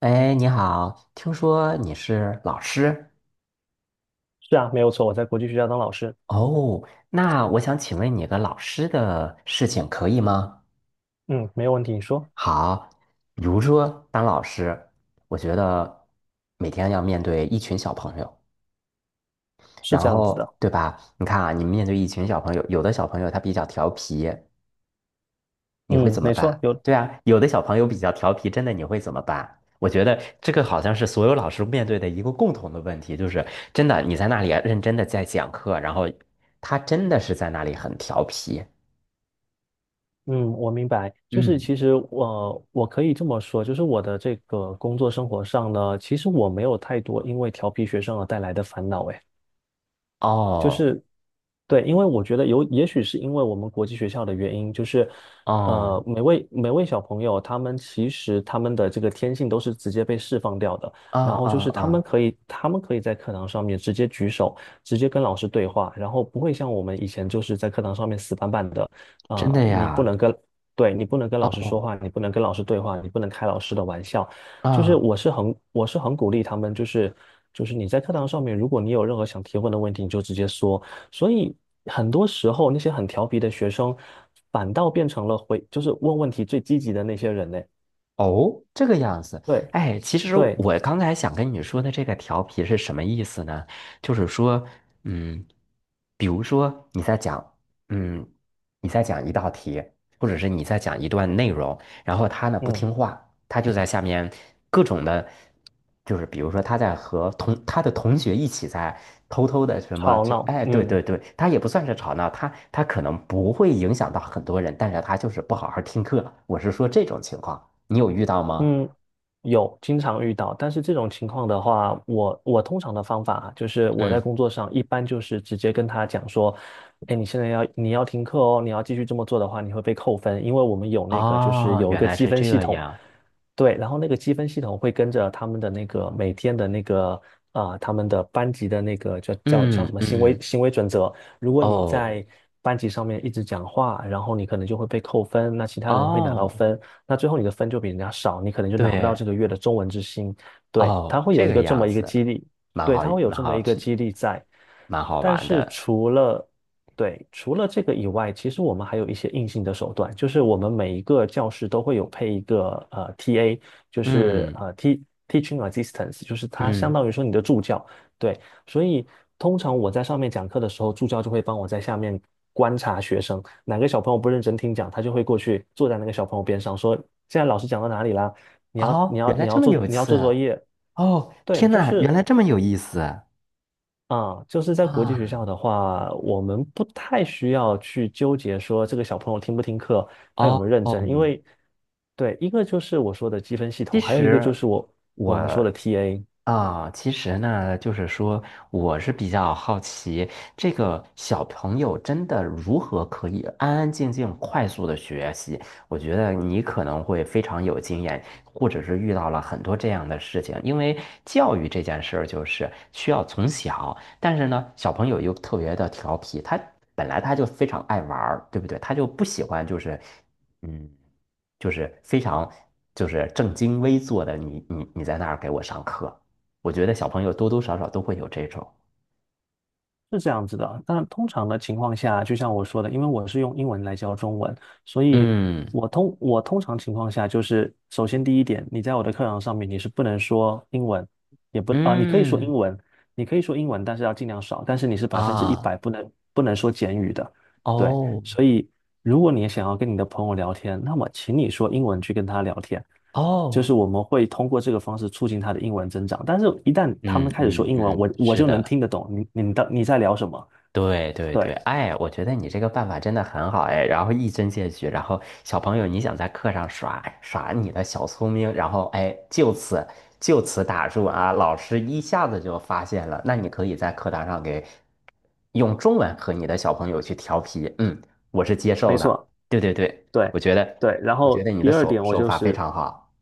哎，你好，听说你是老师是啊，没有错，我在国际学校当老师。哦，那我想请问你个老师的事情可以吗？嗯，没有问题，你说。好，比如说当老师，我觉得每天要面对一群小朋友，是然这样子后的。对吧？你看啊，你面对一群小朋友，有的小朋友他比较调皮，你会嗯，怎么没错，办？有。对啊，有的小朋友比较调皮，真的你会怎么办？我觉得这个好像是所有老师面对的一个共同的问题，就是真的你在那里啊认真的在讲课，然后他真的是在那里很调皮。嗯，我明白。就是嗯，其实我可以这么说，就是我的这个工作生活上呢，其实我没有太多因为调皮学生而带来的烦恼。诶。哦，对，因为我觉得有，也许是因为我们国际学校的原因，就是，哦，每位小朋友，他们其实他们的这个天性都是直接被释放掉的，啊然后就啊是他们啊，可以，他们可以在课堂上面直接举手，直接跟老师对话，然后不会像我们以前就是在课堂上面死板板的。真的你不呀，能跟。对，你不能跟老师说哦话，你不能跟老师对话，你不能开老师的玩笑，就是啊。我是很鼓励他们，就是你在课堂上面，如果你有任何想提问的问题，你就直接说。所以很多时候那些很调皮的学生，反倒变成了回，就是问问题最积极的那些人嘞。哦，这个样子，对哎，其实对。我刚才想跟你说的这个调皮是什么意思呢？就是说，嗯，比如说你在讲，嗯，你在讲一道题，或者是你在讲一段内容，然后他呢不嗯，听话，他就在下面各种的，就是比如说他在和同他的同学一起在偷偷的什么，吵就闹，哎，对对嗯。对，他也不算是吵闹，他可能不会影响到很多人，但是他就是不好好听课。我是说这种情况，你有遇到吗？嗯，有经常遇到，但是这种情况的话，我通常的方法啊就是我在嗯，工作上一般就是直接跟他讲说，哎，你现在你要停课哦，你要继续这么做的话，你会被扣分，因为我们有那个就是哦，有一原个来积是分系这统。样。对，然后那个积分系统会跟着他们的那个每天的那个，他们的班级的那个叫什嗯么行为嗯，行为准则，如果你哦在班级上面一直讲话，然后你可能就会被扣分，那其他人会拿到哦，分。那最后你的分就比人家少，你可能就拿不到对这个月的中文之星。对，它哦，会这有一个个这样么一个子，激励，蛮对，好，它会有蛮这么好，一个激励在。蛮好但玩是的。除了，对，除了这个以外，其实我们还有一些硬性的手段，就是我们每一个教室都会有配一个TA，就是嗯teaching assistance，就是它相嗯。当于说你的助教。对，所以通常我在上面讲课的时候，助教就会帮我在下面观察学生，哪个小朋友不认真听讲，他就会过去坐在那个小朋友边上说：“现在老师讲到哪里啦？你要你哦，要原来你这要么做有你要刺做作啊！业。”哦，对，天就呐，原是来这么有意思啊！啊，就是在国际学啊，校的话，我们不太需要去纠结说这个小朋友听不听课，他有哦，没有认真。因为对，一个就是我说的积分系其统，还有一个就实是我我我们说的 TA。啊，其实呢，就是说，我是比较好奇，这个小朋友真的如何可以安安静静、快速的学习？我觉得你可能会非常有经验，或者是遇到了很多这样的事情。因为教育这件事儿就是需要从小，但是呢，小朋友又特别的调皮，他本来他就非常爱玩儿，对不对？他就不喜欢就是，嗯，就是非常就是正襟危坐的你在那儿给我上课。我觉得小朋友多多少少都会有这种，是这样子的，但通常的情况下，就像我说的，因为我是用英文来教中文，所以嗯我通常情况下就是，首先第一点，你在我的课堂上面你是不能说英文，也不你可以说嗯英文，你可以说英文，但是要尽量少，但是你是百分之一啊百不能说简语的。对，哦所以如果你想要跟你的朋友聊天，那么请你说英文去跟他聊天，就哦，是我们会通过这个方式促进他的英文增长。但是，一旦他们嗯开始说嗯英文，嗯，我是就能的。听得懂你在聊什么。对对对，对，哎，我觉得你这个办法真的很好哎，然后一针见血，然后小朋友你想在课上耍耍你的小聪明，然后哎，就此打住啊，老师一下子就发现了，那你可以在课堂上给用中文和你的小朋友去调皮，嗯，我是接没受的，错，对对对，对我觉得对。然我觉后得你的第二手点，我手就法非是。常好，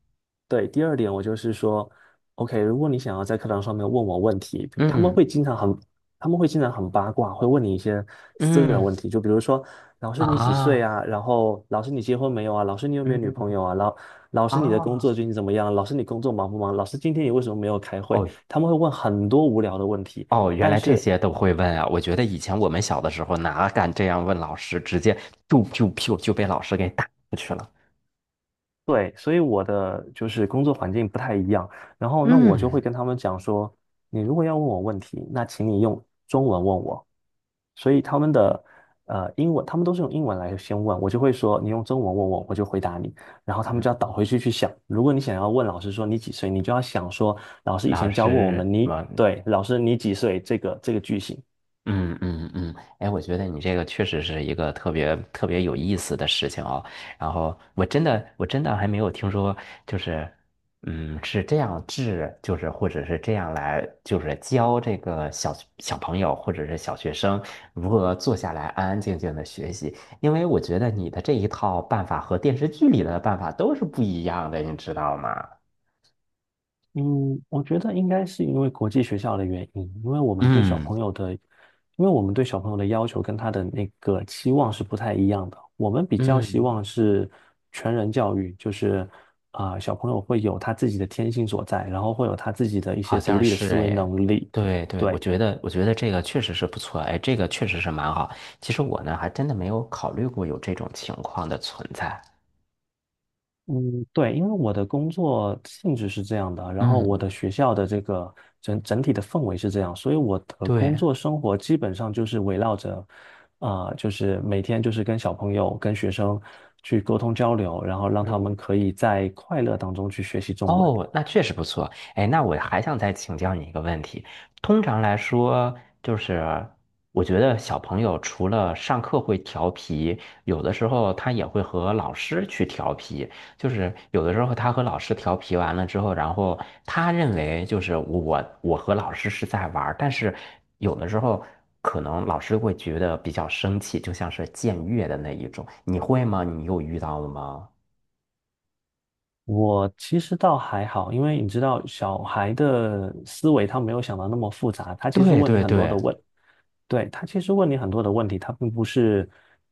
对，第二点我就是说，OK，如果你想要在课堂上面问我问题，他们嗯会经常很，他们会经常很八卦，会问你一些私人问嗯题，就比如说，老师你几岁啊啊？然后老师你结婚没有啊？老师你有没有女朋嗯友啊？老师你的工作啊最近怎么样？老师你工作忙不忙？老师今天你为什么没有开会？哦。他们会问很多无聊的问题。哦，原但来这是些都会问啊！我觉得以前我们小的时候哪敢这样问老师，直接就被老师给打过去了。对，所以我的就是工作环境不太一样，然后那我就会嗯跟他们讲说，你如果要问我问题，那请你用中文问我。所以他们的英文，他们都是用英文来先问，我就会说你用中文问我，我就回答你，然后他们嗯，就要倒回去想。如果你想要问老师说你几岁，你就要想说老师以老前教过我们，师，你我对老师你几岁这个句型。嗯嗯嗯，哎，我觉得你这个确实是一个特别特别有意思的事情哦。然后我真的还没有听说，就是嗯是这样治，就是或者是这样来，就是教这个小朋友或者是小学生如何坐下来安安静静的学习。因为我觉得你的这一套办法和电视剧里的办法都是不一样的，你知道吗？嗯，我觉得应该是因为国际学校的原因，因为我们对小嗯朋友的，因为我们对小朋友的要求跟他的那个期望是不太一样的。我们比较希嗯。望是全人教育，就是小朋友会有他自己的天性所在，然后会有他自己的一好些独像立的是思维哎，能力。对对，对。我觉得这个确实是不错，哎，这个确实是蛮好。其实我呢，还真的没有考虑过有这种情况的存在。嗯，对，因为我的工作性质是这样的，然后我的嗯，学校的这个整体的氛围是这样，所以我的工对，作生活基本上就是围绕着，就是每天就是跟小朋友、跟学生去沟通交流，然后让他们嗯，可以在快乐当中去学习中文。哦，那确实不错。哎，那我还想再请教你一个问题。通常来说，就是我觉得小朋友除了上课会调皮，有的时候他也会和老师去调皮。就是有的时候他和老师调皮完了之后，然后他认为就是我和老师是在玩儿，但是有的时候可能老师会觉得比较生气，就像是僭越的那一种。你会吗？你有遇到了吗？我其实倒还好，因为你知道小孩的思维他没有想到那么复杂，他其实对问你对很多对的问。对，他其实问你很多的问题，他并不是，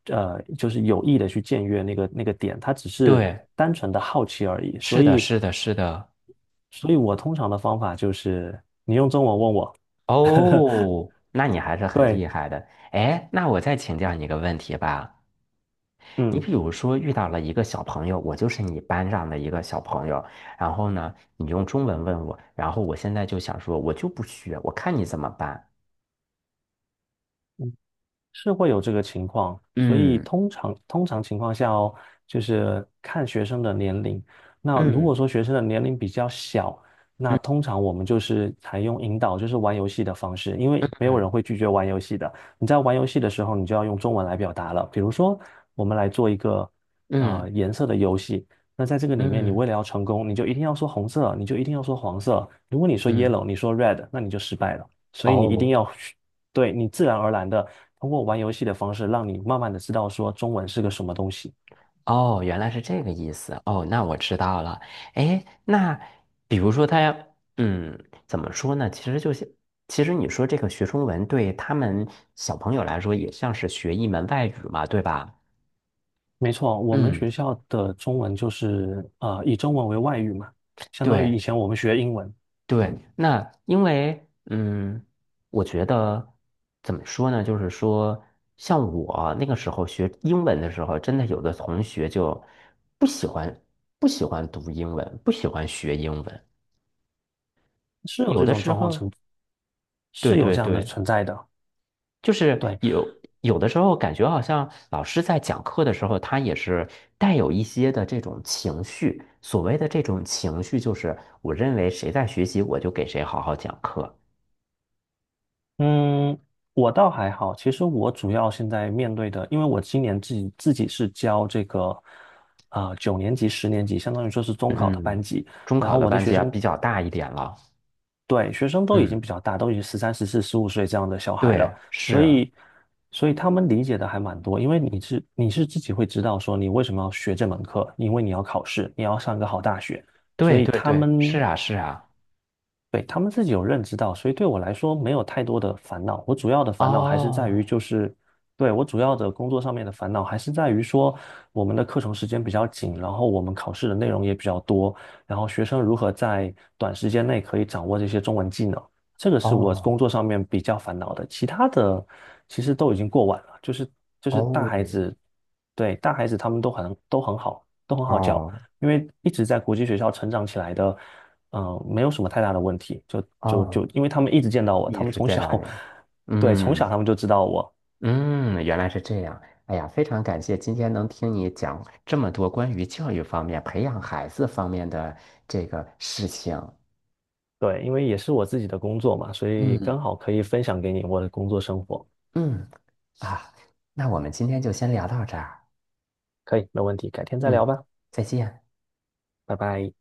就是有意的去僭越那个点，他只是对。单纯的好奇而已。是所的，以，是的，是的。所以我通常的方法就是，你用中文问我。哦，那你还是 很对，厉害的。哎，那我再请教你一个问题吧。你嗯。比如说遇到了一个小朋友，我就是你班上的一个小朋友，然后呢，你用中文问我，然后我现在就想说，我就不学，我看你怎么办。是会有这个情况，所以嗯通常情况下哦，就是看学生的年龄。那如果嗯说学生的年龄比较小，那嗯通常我们就是采用引导，就是玩游戏的方式，因为没有嗯人会拒绝玩游戏的。你在玩游戏的时候，你就要用中文来表达了。比如说，我们来做一个嗯颜色的游戏。那在这个里面，你嗯为了要成功，你就一定要说红色，你就一定要说黄色。如果你说 嗯，yellow，你说 red，那你就失败了。所以你一定哦，要。对，你自然而然的通过玩游戏的方式，让你慢慢的知道说中文是个什么东西。哦，原来是这个意思。哦，那我知道了。哎，那比如说他要，嗯，怎么说呢？其实就是，其实你说这个学中文对他们小朋友来说，也像是学一门外语嘛，对吧？没错，我们学嗯，校的中文就是以中文为外语嘛，相当于以对前我们学英文。对。那因为，嗯，我觉得怎么说呢？就是说，像我那个时候学英文的时候，真的有的同学就不喜欢，不喜欢读英文，不喜欢学英文。是有有这的种时状况候，存，对是有对这样的对，存在的。就是对。有的时候感觉好像老师在讲课的时候，他也是带有一些的这种情绪。所谓的这种情绪，就是我认为谁在学习，我就给谁好好讲课。嗯，我倒还好，其实我主要现在面对的，因为我今年自己是教这个，九年级、10年级，相当于说是中考的班嗯，级，中然考后的我的班学级啊生比较大一点了。对，学生都已经嗯，比较大，都已经13、14、15岁这样的小孩了。对，所是，以，所以他们理解的还蛮多，因为你是自己会知道说你为什么要学这门课，因为你要考试，你要上一个好大学，所对以对他对，是们啊是啊。对，他们自己有认知到，所以对我来说没有太多的烦恼。我主要的烦恼还是在于，哦就是对，我主要的工作上面的烦恼还是在于说，我们的课程时间比较紧，然后我们考试的内容也比较多，然后学生如何在短时间内可以掌握这些中文技能，这个是我哦工作上面比较烦恼的。其他的其实都已经过完了，就是大孩子。哦对，大孩子他们都很好，都很好教。哦因为一直在国际学校成长起来的，没有什么太大的问题，就就哦，就因为他们一直见到我，他一们直从见到小，你啊。对，从嗯。小他们就知道我。嗯，原来是这样。哎呀，非常感谢今天能听你讲这么多关于教育方面、培养孩子方面的这个事情。对，因为也是我自己的工作嘛，所以嗯。刚好可以分享给你我的工作生活。嗯，啊，那我们今天就先聊到这儿。可以，没问题，改天再嗯，聊吧，再见。拜拜。